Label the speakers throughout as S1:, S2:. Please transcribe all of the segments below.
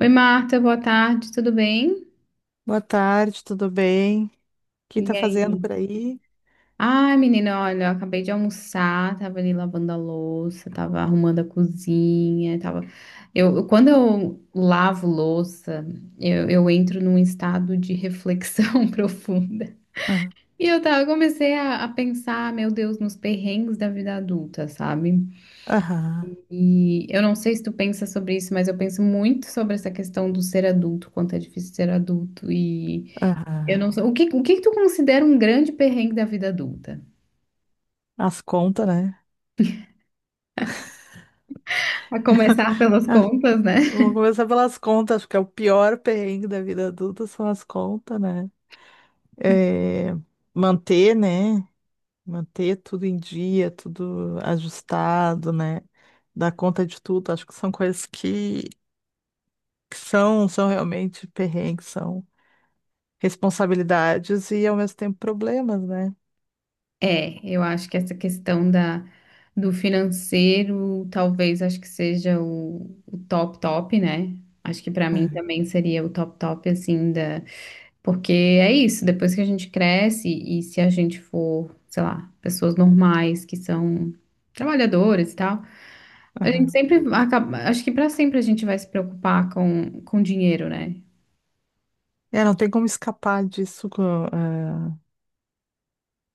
S1: Oi, Marta, boa tarde, tudo bem?
S2: Boa tarde, tudo bem? O que tá
S1: E
S2: fazendo
S1: aí?
S2: por aí?
S1: Ai, menina, olha, eu acabei de almoçar, tava ali lavando a louça, tava arrumando a cozinha, tava... quando eu lavo louça, eu entro num estado de reflexão profunda.
S2: Aham,
S1: E eu tava, eu comecei a pensar, meu Deus, nos perrengues da vida adulta, sabe?
S2: aham,
S1: E eu não sei se tu pensa sobre isso, mas eu penso muito sobre essa questão do ser adulto, quanto é difícil ser adulto e...
S2: aham.
S1: Eu não sou. O que que tu considera um grande perrengue da vida adulta?
S2: As contas, né?
S1: A começar pelas
S2: Ah,
S1: contas, né?
S2: Vamos começar pelas contas, porque é o pior perrengue da vida adulta são as contas, né? eh, manter, né? Manter tudo em dia, tudo ajustado, né? Dar conta de tudo. Acho que são coisas que são realmente perrengues, são responsabilidades e ao mesmo tempo problemas, né?
S1: É, eu acho que essa questão da, do financeiro, talvez acho que seja o top top, né? Acho que pra mim
S2: É,
S1: também seria o top top, assim, da... Porque é isso, depois que a gente cresce e se a gente for, sei lá, pessoas normais que são trabalhadoras e tal, a gente
S2: aham.
S1: sempre acaba... Acho que pra sempre a gente vai se preocupar com dinheiro, né?
S2: É, não tem como escapar disso. Ah,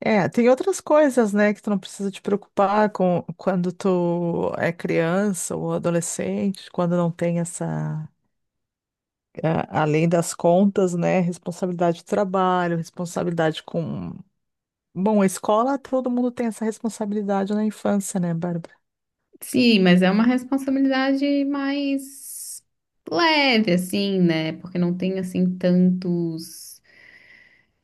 S2: É, tem outras coisas, né, que tu não precisa te preocupar com quando tu é criança ou adolescente, quando não tem essa. Além das contas, né? Responsabilidade de trabalho, responsabilidade com. Bom, a escola, todo mundo tem essa responsabilidade na infância, né, Bárbara?
S1: Sim, mas é uma responsabilidade mais leve, assim, né? Porque não tem, assim, tantos,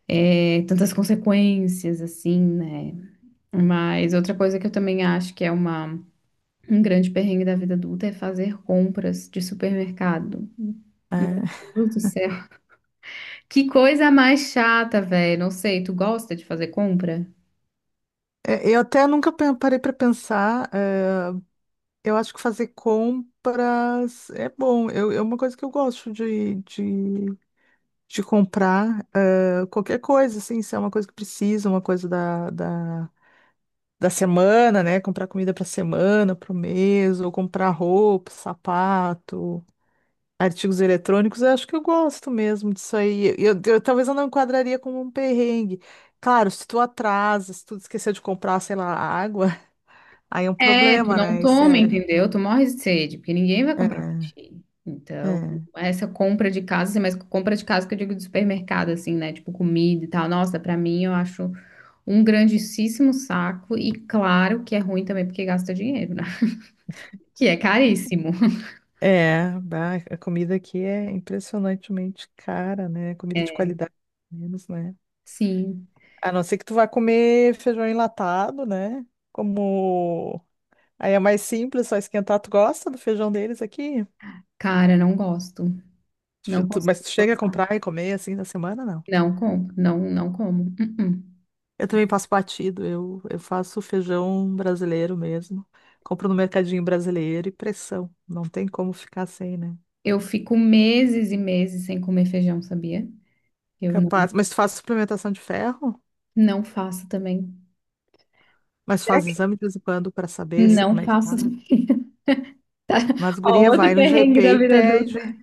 S1: é, tantas consequências, assim, né? Mas outra coisa que eu também acho que é uma, um grande perrengue da vida adulta é fazer compras de supermercado.
S2: É.
S1: Meu Deus do céu. Que coisa mais chata, velho. Não sei, tu gosta de fazer compra?
S2: É, eu até nunca pe- parei para pensar. Eu acho que fazer compras é bom. É uma coisa que eu gosto de comprar. Qualquer coisa, assim, se é uma coisa que precisa, uma coisa da semana, né? Comprar comida para semana, para o mês, ou comprar roupa, sapato. Artigos eletrônicos, eu acho que eu gosto mesmo disso aí. Talvez eu não enquadraria como um perrengue. Claro, se tu atrasa, se tu esqueceu de comprar, sei lá, água, aí é um
S1: É, tu
S2: problema,
S1: não
S2: né? É
S1: toma,
S2: sério.
S1: entendeu? Tu morre de sede, porque ninguém vai comprar pra
S2: É,
S1: ti. Então,
S2: é,
S1: essa compra de casa, assim, mas compra de casa que eu digo de supermercado, assim, né? Tipo comida e tal. Nossa, pra mim eu acho um grandíssimo saco. E claro que é ruim também porque gasta dinheiro, né? Que é caríssimo.
S2: é, bah, a comida aqui é impressionantemente cara, né? Comida de
S1: É,
S2: qualidade, pelo menos, né?
S1: sim,
S2: A não ser que tu vá comer feijão enlatado, né? Como aí é mais simples, só esquentar. Tu gosta do feijão deles aqui?
S1: cara, não gosto. Não consigo.
S2: Mas tu chega a comprar e comer assim na semana, não?
S1: Não compro, não, não como. Uh-uh.
S2: Eu também passo batido, eu faço feijão brasileiro mesmo. Compro no mercadinho brasileiro e pressão. Não tem como ficar sem, né?
S1: Eu fico meses e meses sem comer feijão, sabia? Eu não,
S2: Capaz. Mas tu faz suplementação de ferro?
S1: não faço também.
S2: Mas faz exame de vez em quando para saber se
S1: Não
S2: como é que tá.
S1: faço.
S2: Mas
S1: Ó,
S2: guria
S1: outro
S2: vai no
S1: perrengue
S2: GP
S1: da
S2: e
S1: vida adulta.
S2: pede.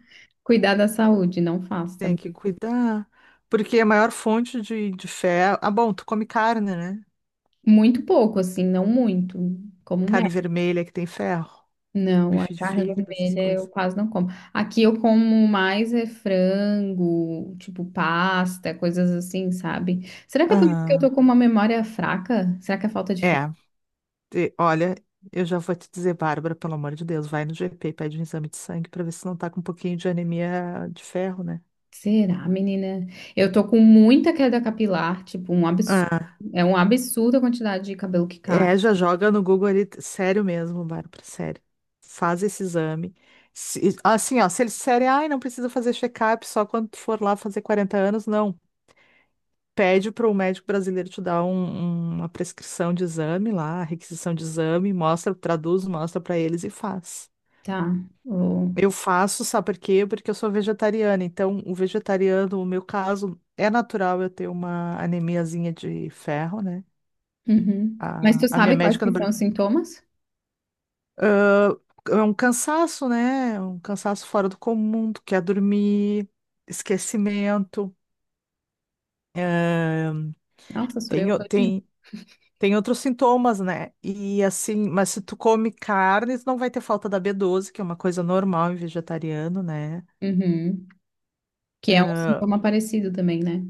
S1: Cuidar da saúde, não faça.
S2: Tem que cuidar. Porque a maior fonte de ferro. Ah, bom, tu come carne, né?
S1: Muito pouco, assim, não muito. Como
S2: Carne
S1: médico.
S2: vermelha que tem ferro.
S1: Não, a
S2: Bife de
S1: carne
S2: fígado, essas
S1: vermelha eu
S2: coisas.
S1: quase não como. Aqui eu como mais é frango, tipo pasta, coisas assim, sabe? Será que é por isso que eu
S2: Aham.
S1: tô com uma memória fraca? Será que é falta de fé?
S2: É. E, olha, eu já vou te dizer, Bárbara, pelo amor de Deus, vai no GP, pede um exame de sangue para ver se não tá com um pouquinho de anemia de ferro, né?
S1: Será, menina? Eu tô com muita queda capilar, tipo, um absurdo.
S2: Ah,
S1: É um absurdo a quantidade de cabelo que cai.
S2: é, já joga no Google ali, sério mesmo, Bárbara, sério. Faz esse exame. Assim, ó, se eles disserem, ai, não precisa fazer check-up só quando tu for lá fazer 40 anos, não. Pede para o médico brasileiro te dar uma prescrição de exame lá, requisição de exame, mostra, traduz, mostra para eles e faz.
S1: Tá. Ô.
S2: Eu faço, sabe por quê? Porque eu sou vegetariana. Então, o vegetariano, no meu caso, é natural eu ter uma anemiazinha de ferro, né?
S1: Uhum. Mas tu
S2: A minha
S1: sabe quais
S2: médica
S1: que
S2: no
S1: são
S2: Brasil.
S1: os sintomas?
S2: É um cansaço, né? Um cansaço fora do comum, tu quer dormir, esquecimento. ah,
S1: Nossa, sou
S2: tem,
S1: eu
S2: o-
S1: todinha.
S2: tem, Tem outros sintomas, né? E assim, mas se tu come carnes, não vai ter falta da B12, que é uma coisa normal em vegetariano, né?
S1: Uhum. Que é um sintoma parecido também, né?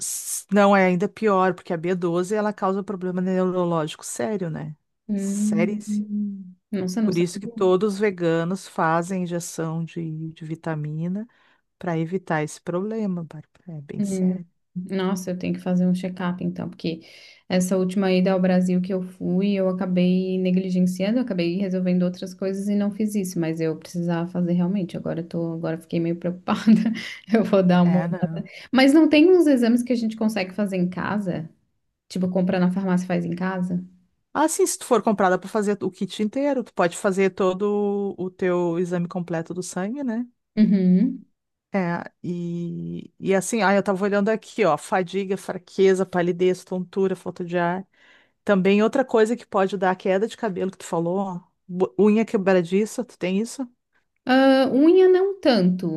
S2: Não, é ainda pior, porque a B12 ela causa problema neurológico sério, né? Seríssimo.
S1: Hum. Nossa, não
S2: Por isso que
S1: sabia.
S2: todos os veganos fazem injeção de vitamina para evitar esse problema, Bárbara. É bem
S1: Hum.
S2: sério.
S1: Nossa, eu tenho que fazer um check-up então, porque essa última ida ao Brasil que eu fui, eu acabei negligenciando, eu acabei resolvendo outras coisas e não fiz isso, mas eu precisava fazer realmente. Agora eu tô, agora eu fiquei meio preocupada. Eu vou dar uma
S2: É,
S1: olhada.
S2: não.
S1: Mas não tem uns exames que a gente consegue fazer em casa? Tipo, compra na farmácia e faz em casa?
S2: Ah, sim, se tu for comprada para fazer o kit inteiro, tu pode fazer todo o teu exame completo do sangue, né?
S1: Uhum.
S2: E assim, ah, eu tava olhando aqui, ó, fadiga, fraqueza, palidez, tontura, falta de ar. Também outra coisa que pode dar a queda de cabelo que tu falou, unha quebradiça, tu tem isso?
S1: Ah, unha não tanto.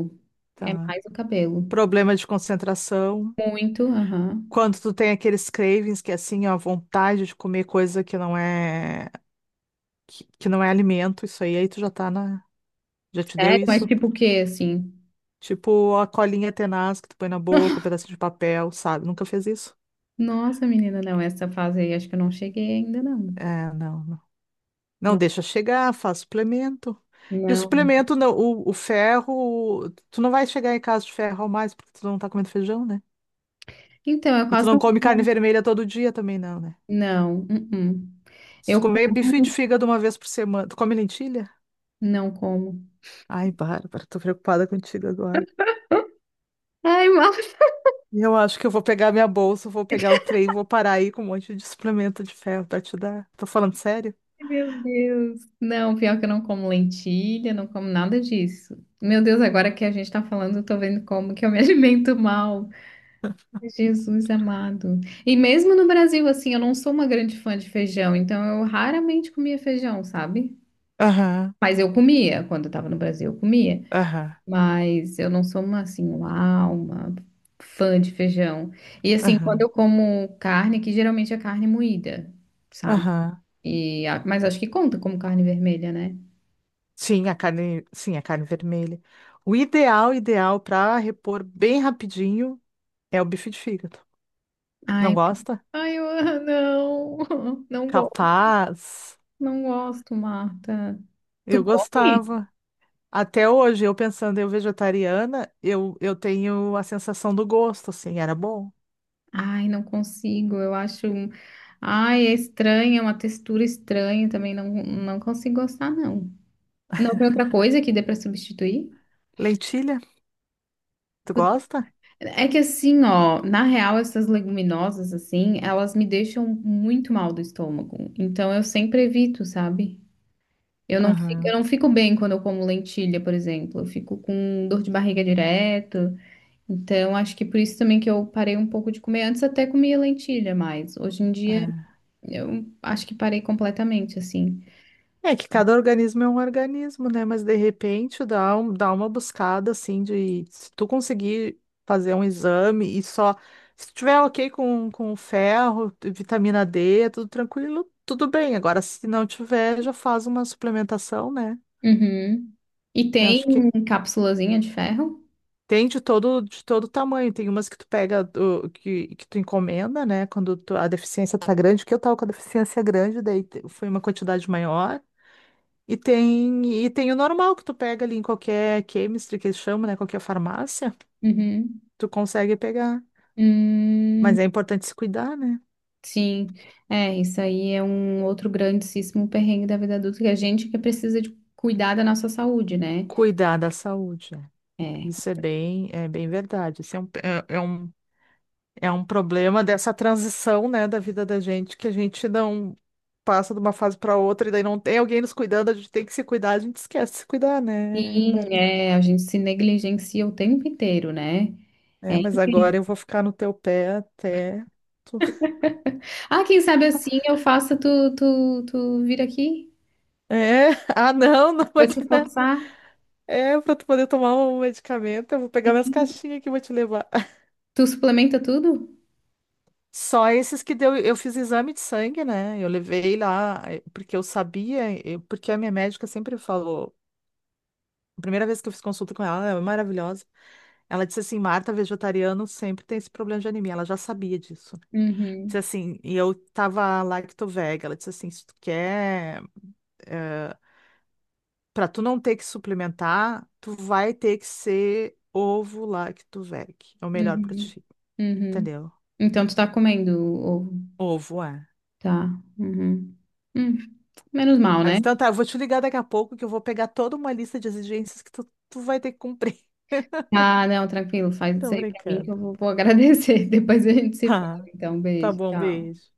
S1: É
S2: Tá.
S1: mais o cabelo.
S2: Problema de concentração.
S1: Muito, aham.
S2: Quando tu tem aqueles cravings que é assim, ó, vontade de comer coisa que não é alimento, isso aí, aí tu já tá na, já te deu
S1: Sério? Mas
S2: isso?
S1: tipo o quê, assim?
S2: Tipo a colinha tenaz que tu põe na boca, um pedacinho de papel, sabe? Nunca fez isso?
S1: Nossa, menina, não, essa fase aí acho que eu não cheguei ainda, não.
S2: É, não. Não
S1: Não,
S2: deixa chegar, faz suplemento. E o
S1: não.
S2: suplemento, não, o ferro, tu não vai chegar em casa de ferro ao mais, porque tu não tá comendo feijão, né?
S1: Então, eu
S2: E tu
S1: quase
S2: não
S1: não
S2: come carne
S1: como.
S2: vermelha todo dia também, não, né?
S1: Não, uh-uh.
S2: Se tu
S1: Eu
S2: comer bife de
S1: como,
S2: fígado uma vez por semana, tu come lentilha?
S1: não como.
S2: Ai, Bárbara, tô preocupada contigo agora.
S1: Ai, mal.
S2: Eu acho que eu vou pegar minha bolsa, vou pegar o trem, vou parar aí com um monte de suplemento de ferro pra te dar. Tô falando sério?
S1: Meu Deus. Não, pior que eu não como lentilha, não como nada disso. Meu Deus, agora que a gente tá falando, eu tô vendo como que eu me alimento mal. Jesus amado. E mesmo no Brasil, assim, eu não sou uma grande fã de feijão, então eu raramente comia feijão, sabe?
S2: Aham,
S1: Mas eu comia, quando eu tava no Brasil, eu comia.
S2: aham,
S1: Mas eu não sou uma, assim, uau, uma fã de feijão. E assim, quando
S2: aham,
S1: eu como carne, que geralmente é carne moída, sabe?
S2: aham.
S1: Mas acho que conta como carne vermelha, né?
S2: Sim, a carne vermelha. O ideal, ideal para repor bem rapidinho é o bife de fígado. Não
S1: Ai,
S2: gosta?
S1: ai, eu, não, não gosto,
S2: Capaz.
S1: não gosto, Marta. Tu
S2: Eu
S1: come?
S2: gostava. Até hoje, eu pensando eu vegetariana, eu tenho a sensação do gosto, assim, era bom.
S1: Ai, não consigo. Ai, é estranha, é uma textura estranha também. Não, não consigo gostar, não. Não tem outra coisa que dê pra substituir?
S2: Lentilha, tu
S1: Putz,
S2: gosta?
S1: é que assim, ó, na real, essas leguminosas, assim, elas me deixam muito mal do estômago. Então eu sempre evito, sabe? Eu
S2: Aham.
S1: não fico bem quando eu como lentilha, por exemplo. Eu fico com dor de barriga direto. Então acho que por isso também que eu parei um pouco de comer. Antes até comia lentilha mais. Hoje em dia.
S2: É.
S1: Eu acho que parei completamente, assim.
S2: É que cada organismo é um organismo, né? Mas de repente dá, dá uma buscada assim de se tu conseguir fazer um exame e só se tiver ok com ferro, vitamina D, é tudo tranquilo, tudo bem. Agora, se não tiver, já faz uma suplementação, né?
S1: Uhum. E
S2: Eu
S1: tem
S2: acho que
S1: cápsulazinha de ferro?
S2: tem de todo tamanho. Tem umas que tu pega, que tu encomenda, né? A deficiência tá grande, que eu tava com a deficiência grande, daí foi uma quantidade maior. E tem o normal que tu pega ali em qualquer chemistry que eles chamam, né? Qualquer farmácia,
S1: Uhum.
S2: tu consegue pegar.
S1: Hum,
S2: Mas é importante se cuidar, né?
S1: sim. É, isso aí é um outro grandíssimo perrengue da vida adulta, que a gente que precisa de cuidar da nossa saúde, né?
S2: Cuidar da saúde. Né?
S1: É.
S2: Isso é bem verdade. Isso é um, é, é um, é um problema dessa transição, né, da vida da gente, que a gente não passa de uma fase para outra e daí não tem alguém nos cuidando, a gente tem que se cuidar, a gente esquece de se cuidar, né,
S1: Sim,
S2: Bárbara?
S1: é, a gente se negligencia o tempo inteiro, né? É
S2: É, mas
S1: incrível.
S2: agora eu vou ficar no teu pé até. tu-
S1: Ah, quem sabe assim eu faço tu, tu vir aqui?
S2: É, ah, não, não,
S1: Vou
S2: mas.
S1: te forçar.
S2: É, pra tu poder tomar o medicamento, eu vou pegar minhas caixinhas aqui e vou te levar.
S1: Tu suplementa tudo?
S2: Só esses que deu, eu fiz exame de sangue, né? Eu levei lá, porque eu sabia, porque a minha médica sempre falou, a primeira vez que eu fiz consulta com ela, ela é maravilhosa. Ela disse assim, Marta, vegetariano sempre tem esse problema de anemia, ela já sabia disso. Disse
S1: Uhum.
S2: assim, e eu tava lactovega, ela disse assim, se tu quer, eh, pra tu não ter que suplementar, tu vai ter que ser ovo lactoveg, é o melhor pra
S1: Uhum.
S2: ti.
S1: Uhum.
S2: Entendeu?
S1: Então tu tá comendo ovo.
S2: Ovo é.
S1: Tá. Uhum. Hum, menos mal,
S2: Mas
S1: né?
S2: então tá, eu vou te ligar daqui a pouco que eu vou pegar toda uma lista de exigências tu vai ter que cumprir.
S1: Ah, não, tranquilo. Faz
S2: Tô
S1: isso aí pra mim que eu
S2: brincando.
S1: vou, vou agradecer. Depois a gente se fala.
S2: Ah,
S1: Então,
S2: tá
S1: beijo.
S2: bom,
S1: Tchau.
S2: beijo.